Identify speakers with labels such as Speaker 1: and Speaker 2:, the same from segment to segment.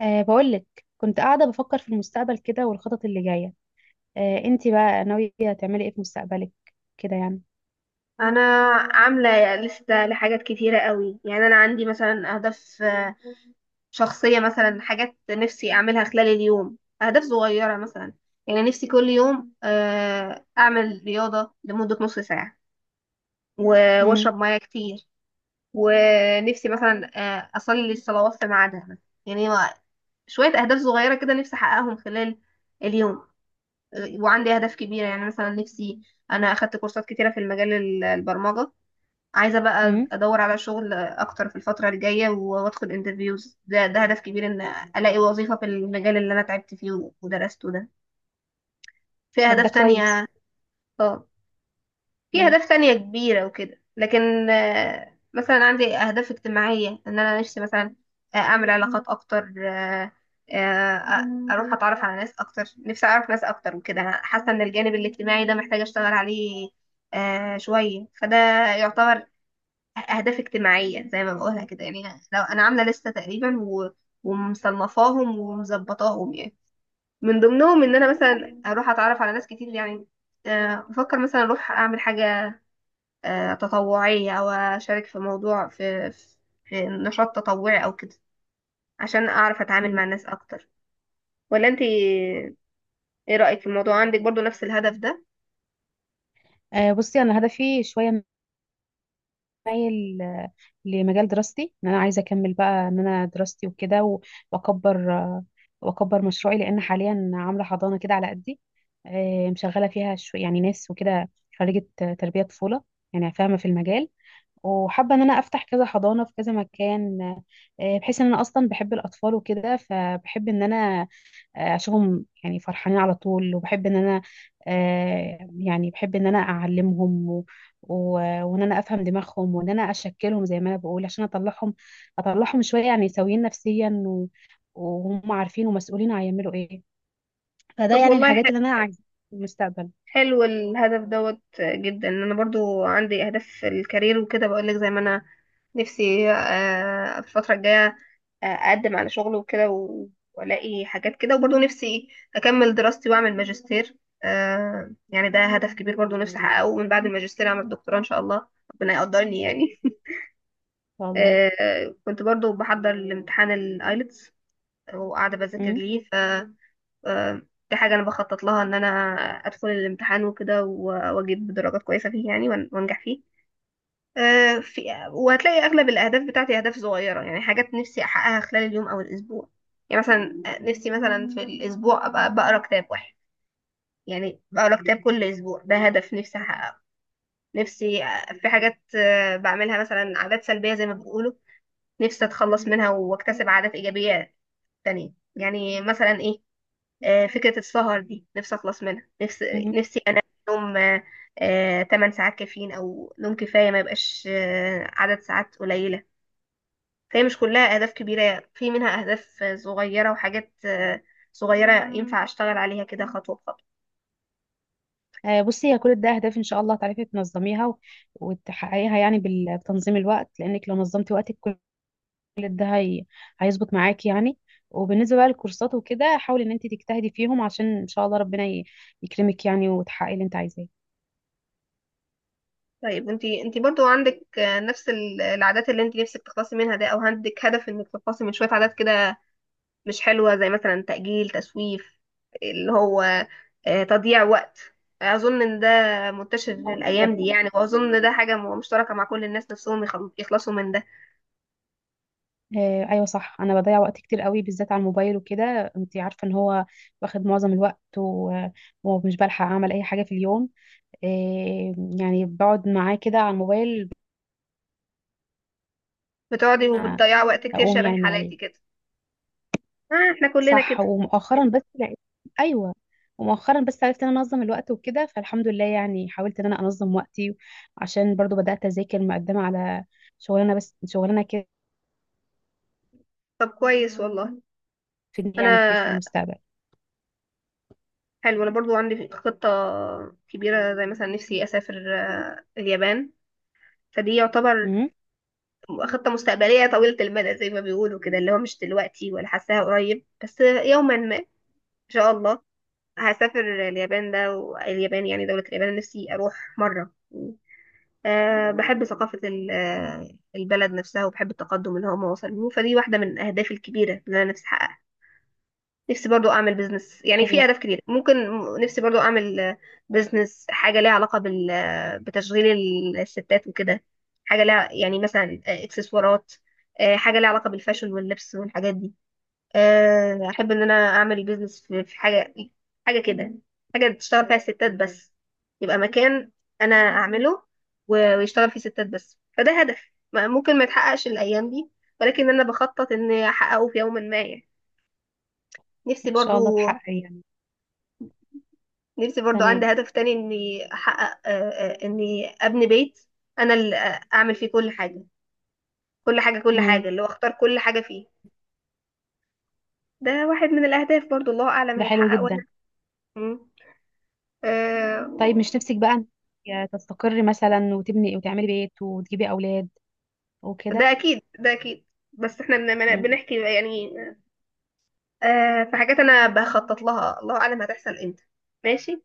Speaker 1: بقولك كنت قاعدة بفكر في المستقبل كده والخطط اللي جاية. انتي بقى ناوية تعملي ايه في مستقبلك؟ كده يعني.
Speaker 2: انا عامله لسته لحاجات كتيره قوي، يعني انا عندي مثلا اهداف شخصيه، مثلا حاجات نفسي اعملها خلال اليوم، اهداف صغيره مثلا. يعني نفسي كل يوم اعمل رياضه لمده نص ساعه
Speaker 1: امم
Speaker 2: واشرب ميه كتير، ونفسي مثلا اصلي الصلوات في ميعادها. يعني هو شويه اهداف صغيره كده نفسي احققهم خلال اليوم. وعندي اهداف كبيره، يعني مثلا نفسي انا اخدت كورسات كتيره في المجال البرمجه، عايزة بقى
Speaker 1: امم
Speaker 2: أدور على شغل أكتر في الفترة الجاية وأدخل انترفيوز. ده هدف كبير إن ألاقي وظيفة في المجال اللي أنا تعبت فيه ودرسته ده. في
Speaker 1: طب ده
Speaker 2: أهداف
Speaker 1: كويس.
Speaker 2: تانية. اه، في
Speaker 1: امم
Speaker 2: أهداف تانية كبيرة وكده، لكن مثلا عندي أهداف اجتماعية، إن أنا نفسي مثلا أعمل علاقات أكتر، أروح أتعرف على ناس أكتر، نفسي أعرف ناس أكتر وكده. أنا حاسة إن الجانب الاجتماعي ده محتاجة أشتغل عليه شوية، فده يعتبر أهداف اجتماعية زي ما بقولها كده يعني. لو أنا عاملة لستة تقريبا ومصنفاهم ومظبطاهم، يعني من ضمنهم إن أنا
Speaker 1: طب ده حلو.
Speaker 2: مثلا أروح أتعرف على ناس كتير يعني. بفكر مثلا أروح أعمل حاجة تطوعية، أو أشارك في موضوع في نشاط تطوعي أو كده، عشان أعرف أتعامل مع
Speaker 1: مم.
Speaker 2: الناس أكتر. ولا أنت إيه رأيك في الموضوع، عندك برضو نفس الهدف ده؟
Speaker 1: بصي انا هدفي شوية مايل لمجال دراستي، ان انا عايزة اكمل بقى ان انا دراستي وكده واكبر واكبر مشروعي، لان حاليا عاملة حضانة كده على قدي. مشغلة فيها شو يعني ناس وكده. خريجة تربية طفولة، يعني فاهمة في المجال، وحابة ان انا افتح كذا حضانة في كذا مكان، بحيث ان انا اصلا بحب الاطفال وكده، فبحب ان انا اشوفهم يعني فرحانين على طول، وبحب ان انا يعني بحب ان انا اعلمهم و وان انا افهم دماغهم، وان انا اشكلهم زي ما انا بقول، عشان اطلعهم شوية يعني سويين نفسيا وهم عارفين ومسؤولين هيعملوا ايه. فده
Speaker 2: طب
Speaker 1: يعني
Speaker 2: والله
Speaker 1: الحاجات اللي انا عايزة في المستقبل ان
Speaker 2: حلو الهدف دوت جدا. انا برضو عندي اهداف في الكارير وكده، بقولك زي ما انا نفسي الفتره الجايه اقدم على شغل وكده والاقي حاجات كده. وبرضو نفسي اكمل دراستي واعمل ماجستير. يعني ده هدف كبير. برضو نفسي احققه من بعد الماجستير اعمل دكتوراه ان شاء الله، ربنا يقدرني يعني
Speaker 1: شاء الله.
Speaker 2: كنت برضو بحضر لامتحان الايلتس وقاعده بذاكر
Speaker 1: م-
Speaker 2: ليه. آه، دي حاجة أنا بخطط لها، إن أنا أدخل الامتحان وكده وأجيب درجات كويسة فيه يعني، وأنجح فيه آه، في وهتلاقي أغلب الأهداف بتاعتي أهداف صغيرة، يعني حاجات نفسي أحققها خلال اليوم أو الأسبوع. يعني مثلا نفسي مثلا في الأسبوع أبقى بقرا كتاب واحد، يعني بقرا كتاب كل أسبوع، ده هدف نفسي أحققه. نفسي في حاجات بعملها مثلا عادات سلبية زي ما بيقولوا، نفسي أتخلص منها وأكتسب عادات إيجابية تانية، يعني مثلا إيه، فكرة السهر دي نفسي أخلص منها. نفسي
Speaker 1: م.
Speaker 2: نفسي أنام نوم 8 ساعات كافيين، أو نوم كفاية، ما يبقاش عدد ساعات قليلة. فهي مش كلها أهداف كبيرة، في منها أهداف صغيرة وحاجات صغيرة ينفع أشتغل عليها كده خطوة بخطوة.
Speaker 1: بصي هي كل ده اهداف، ان شاء الله تعرفي تنظميها وتحققيها يعني بتنظيم الوقت، لانك لو نظمتي وقتك كل ده هيظبط معاكي يعني. وبالنسبه بقى للكورسات وكده، حاولي ان انت تجتهدي فيهم عشان ان شاء الله ربنا يكرمك يعني، وتحققي اللي انت عايزاه.
Speaker 2: طيب انتي برضو عندك نفس العادات اللي انتي نفسك تخلصي منها ده، او عندك هدف انك تخلصي من شوية عادات كده مش حلوة؟ زي مثلا تأجيل، تسويف، اللي هو تضييع وقت. أظن إن ده منتشر
Speaker 1: أو أنا
Speaker 2: الأيام
Speaker 1: بضيع.
Speaker 2: دي يعني، وأظن ده حاجة مشتركة مع كل الناس، نفسهم يخلصوا من ده.
Speaker 1: ايوه صح، انا بضيع وقت كتير قوي، بالذات على الموبايل وكده، انت عارفه ان هو واخد معظم الوقت ومش بلحق اعمل اي حاجه في اليوم. آه، يعني بقعد معاه كده على الموبايل.
Speaker 2: بتقعدي
Speaker 1: آه،
Speaker 2: وبتضيعي وقت كتير
Speaker 1: اقوم
Speaker 2: شبه
Speaker 1: يعني من عليه.
Speaker 2: حالاتي كده؟ آه إحنا كلنا
Speaker 1: صح.
Speaker 2: كده.
Speaker 1: ومؤخرا بس لقيت. ايوه. ومؤخرا بس عرفت ان انا انظم الوقت وكده، فالحمد لله يعني حاولت ان انا انظم وقتي، عشان برضو بدات اذاكر مقدمه على شغلانه، بس شغلانه كده
Speaker 2: طب كويس والله.
Speaker 1: تفيدني
Speaker 2: أنا
Speaker 1: يعني كتير في المستقبل.
Speaker 2: حلو، أنا برضو عندي خطة كبيرة، زي مثلا نفسي أسافر اليابان. فدي يعتبر
Speaker 1: امم
Speaker 2: خطة مستقبلية طويلة المدى زي ما بيقولوا كده، اللي هو مش دلوقتي ولا حاساها قريب، بس يوما ما إن شاء الله هسافر اليابان ده. واليابان يعني دولة اليابان نفسي أروح مرة، أه بحب ثقافة البلد نفسها، وبحب التقدم اللي هم وصلوا. فدي واحدة من أهدافي الكبيرة اللي أنا نفسي أحققها. نفسي برضو أعمل بيزنس، يعني في
Speaker 1: ايوه
Speaker 2: أهداف كتير ممكن، نفسي برضو أعمل بيزنس حاجة ليها علاقة بال بتشغيل الستات وكده، حاجة ليها يعني مثلا إكسسوارات، حاجة ليها علاقة بالفاشن واللبس والحاجات دي. احب ان انا اعمل بيزنس في حاجه، حاجه كده، حاجه تشتغل فيها الستات بس، يبقى مكان انا اعمله ويشتغل فيه ستات بس. فده هدف ممكن ما يتحققش الايام دي، ولكن انا بخطط اني احققه في يوم ما يعني. نفسي
Speaker 1: ان
Speaker 2: برضو
Speaker 1: شاء الله تحقق يعني.
Speaker 2: نفسي برضو عندي
Speaker 1: تمام.
Speaker 2: هدف تاني، اني احقق اني ابني بيت انا اللي اعمل فيه كل حاجه، كل حاجه
Speaker 1: امم
Speaker 2: اللي هو اختار كل حاجه فيه. ده واحد من الاهداف برضو، الله اعلم
Speaker 1: ده حلو
Speaker 2: هيتحقق ولا
Speaker 1: جدا.
Speaker 2: لا. مم.
Speaker 1: طيب مش
Speaker 2: آه،
Speaker 1: نفسك بقى إنك تستقري مثلا، وتبني وتعملي بيت، وتجيبي اولاد
Speaker 2: ده
Speaker 1: وكده؟
Speaker 2: اكيد، ده اكيد. بس احنا
Speaker 1: امم
Speaker 2: بنحكي يعني. آه في حاجات انا بخطط لها الله اعلم هتحصل امتى. ماشي.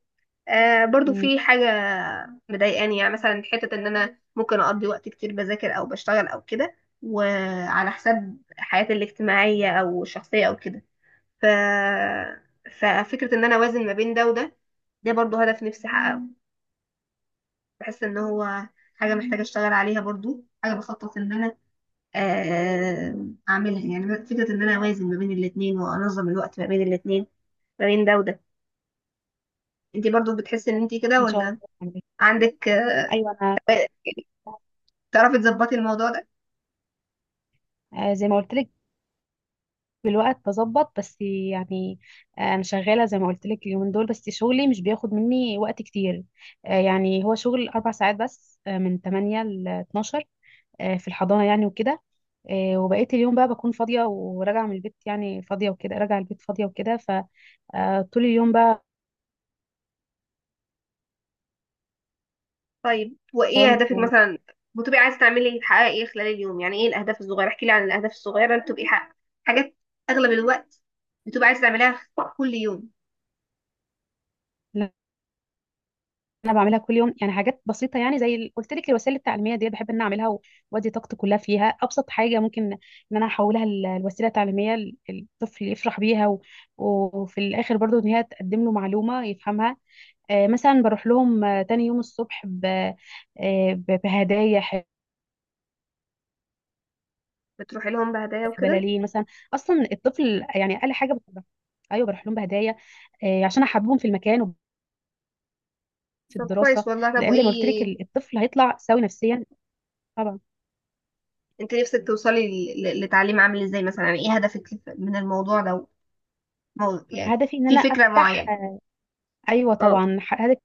Speaker 2: آه برضو
Speaker 1: امم
Speaker 2: في حاجه مضايقاني، يعني مثلا حته ان انا ممكن اقضي وقت كتير بذاكر او بشتغل او كده، وعلى حساب حياتي الاجتماعيه او الشخصيه او كده. ف ففكره ان انا اوازن ما بين ده وده، ده برضو هدف نفسي احققه. بحس ان هو حاجه محتاجه اشتغل عليها، برضو حاجه بخطط ان انا آه، اعملها، يعني فكره ان انا اوازن ما بين الاثنين وانظم الوقت ما بين الاثنين، ما بين ده وده. انت برضو بتحسي ان انت كده
Speaker 1: ان شاء الله
Speaker 2: ولا؟
Speaker 1: تعملي.
Speaker 2: عندك
Speaker 1: ايوه انا،
Speaker 2: يعني تعرفي تظبطي الموضوع ده؟
Speaker 1: زي ما قلت لك بالوقت بظبط بس يعني. انا شغاله زي ما قلت لك اليومين دول، بس شغلي مش بياخد مني وقت كتير. يعني هو شغل اربع ساعات بس، من 8 ل 12 في الحضانه يعني وكده. وبقيت اليوم بقى بكون فاضيه وراجعه من البيت، يعني فاضيه وكده، راجعه البيت فاضيه وكده. فطول اليوم بقى
Speaker 2: طيب وايه
Speaker 1: طالب.
Speaker 2: اهدافك مثلا، بتبقي عايزه تعملي، تحققي ايه خلال اليوم؟ يعني ايه الاهداف الصغيره، احكي لي عن الاهداف الصغيره اللي بتبقي حاجات اغلب الوقت بتبقي عايزه تعمليها كل يوم.
Speaker 1: انا بعملها كل يوم يعني، حاجات بسيطه يعني، زي قلت لك الوسائل التعليميه دي بحب ان أنا اعملها وادي طاقتي كلها فيها. ابسط حاجه ممكن ان انا احولها لوسيله تعليميه الطفل يفرح بيها وفي الاخر برضو ان هي تقدم له معلومه يفهمها. آه مثلا بروح لهم تاني يوم الصبح آه بهدايا،
Speaker 2: بتروحي لهم بهدايا وكده؟
Speaker 1: بلالين مثلا. اصلا الطفل يعني اقل حاجه بتبقى. ايوه بروح لهم بهدايا، آه عشان احببهم في المكان وفي
Speaker 2: طب كويس
Speaker 1: الدراسه،
Speaker 2: والله. طب
Speaker 1: لان زي ما قلت لك
Speaker 2: وايه،
Speaker 1: الطفل هيطلع سوي نفسيا. طبعا.
Speaker 2: انت نفسك توصلي لتعليم عامل ازاي مثلا، يعني ايه هدفك من الموضوع ده، او يعني
Speaker 1: هدفي ان
Speaker 2: في
Speaker 1: انا
Speaker 2: فكرة
Speaker 1: افتح.
Speaker 2: معينة؟
Speaker 1: ايوه
Speaker 2: اه،
Speaker 1: طبعا، هدف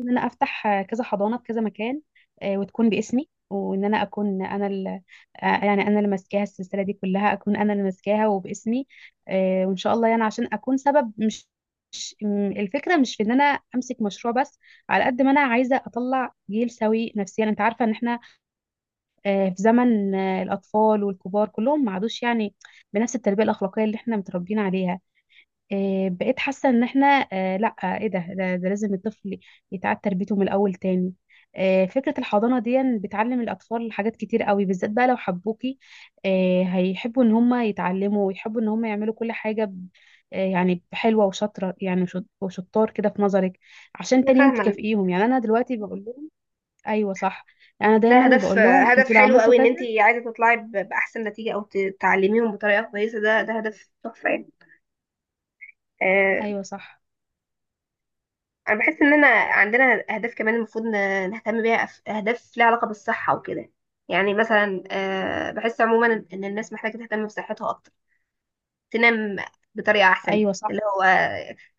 Speaker 1: ان انا افتح كذا حضانه في كذا مكان، وتكون باسمي، وان انا اكون انا يعني انا اللي ماسكاها، السلسله دي كلها اكون انا اللي ماسكاها وباسمي، وان شاء الله يعني، عشان اكون سبب. الفكره مش في ان انا امسك مشروع بس، على قد ما انا عايزه اطلع جيل سوي نفسيا. انت عارفه ان احنا في زمن الاطفال والكبار كلهم ما عادوش يعني بنفس التربيه الاخلاقيه اللي احنا متربيين عليها. بقيت حاسة ان احنا لا، ايه ده، ده لازم الطفل يتعاد تربيته من الاول تاني. فكرة الحضانة دي بتعلم الأطفال حاجات كتير قوي، بالذات بقى لو حبوكي هيحبوا إن هم يتعلموا، ويحبوا إن هم يعملوا كل حاجة يعني حلوة وشاطرة يعني، وشطار كده في نظرك، عشان
Speaker 2: انا
Speaker 1: تاني يوم
Speaker 2: فاهمه.
Speaker 1: تكافئيهم. يعني أنا دلوقتي بقول لهم. أيوة صح. أنا
Speaker 2: ده
Speaker 1: دايما
Speaker 2: هدف،
Speaker 1: بقول لهم
Speaker 2: هدف
Speaker 1: أنتوا لو
Speaker 2: حلو
Speaker 1: عملتوا
Speaker 2: قوي ان
Speaker 1: كذا.
Speaker 2: انت عايزه تطلعي باحسن نتيجه، او تعلميهم بطريقه كويسه. ده ده هدف تحفه يعني. آه،
Speaker 1: أيوة صح.
Speaker 2: انا بحس اننا عندنا اهداف كمان المفروض نهتم بيها. اهداف ليها علاقه بالصحه وكده، يعني مثلا آه بحس عموما ان إن الناس محتاجه تهتم بصحتها اكتر، تنام بطريقة أحسن،
Speaker 1: أيوة صح.
Speaker 2: اللي هو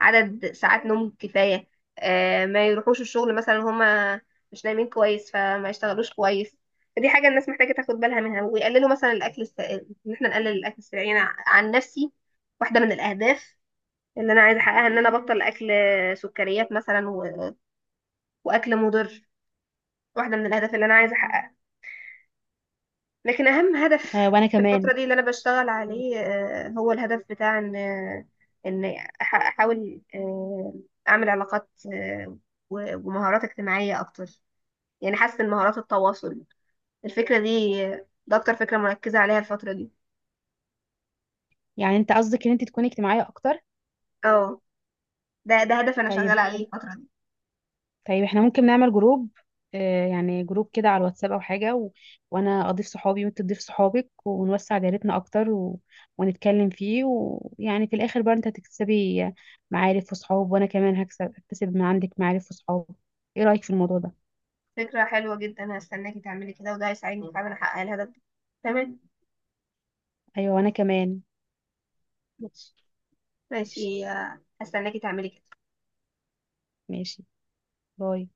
Speaker 2: عدد ساعات نوم كفاية. ما يروحوش الشغل مثلا هما مش نايمين كويس فما يشتغلوش كويس. فدي حاجة الناس محتاجة تاخد بالها منها، ويقللوا مثلا الأكل إن إحنا نقلل الأكل السريع. أنا عن نفسي، واحدة من الأهداف اللي أنا عايزة أحققها إن أنا أبطل أكل سكريات مثلا وأكل مضر، واحدة من الأهداف اللي أنا عايزة أحققها. لكن اهم هدف
Speaker 1: وأنا
Speaker 2: في
Speaker 1: كمان.
Speaker 2: الفتره دي اللي انا بشتغل عليه هو الهدف بتاع ان ان احاول اعمل علاقات ومهارات اجتماعيه اكتر. يعني حاسه ان مهارات التواصل، الفكره دي ده اكتر فكره مركزه عليها الفتره دي.
Speaker 1: يعني أنت قصدك إن أنت تكوني اجتماعية أكتر؟
Speaker 2: اه، ده ده هدف انا
Speaker 1: طيب.
Speaker 2: شغاله عليه الفتره دي.
Speaker 1: طيب احنا ممكن نعمل جروب، يعني جروب كده على الواتساب او حاجه، وانا اضيف صحابي وانت تضيف صحابك، ونوسع دايرتنا اكتر ونتكلم فيه، ويعني في الاخر بقى انت هتكسبي معارف وصحاب، وانا كمان اكتسب من عندك معارف وصحاب. ايه رايك في الموضوع ده؟
Speaker 2: فكره حلوه جدا، انا هستناكي تعملي كده، وده هيساعدني فعلا احقق الهدف ده. تمام.
Speaker 1: ايوه وانا كمان.
Speaker 2: ماشي،
Speaker 1: ماشي.
Speaker 2: ماشي. هستناكي تعملي كده.
Speaker 1: ماشي. باي.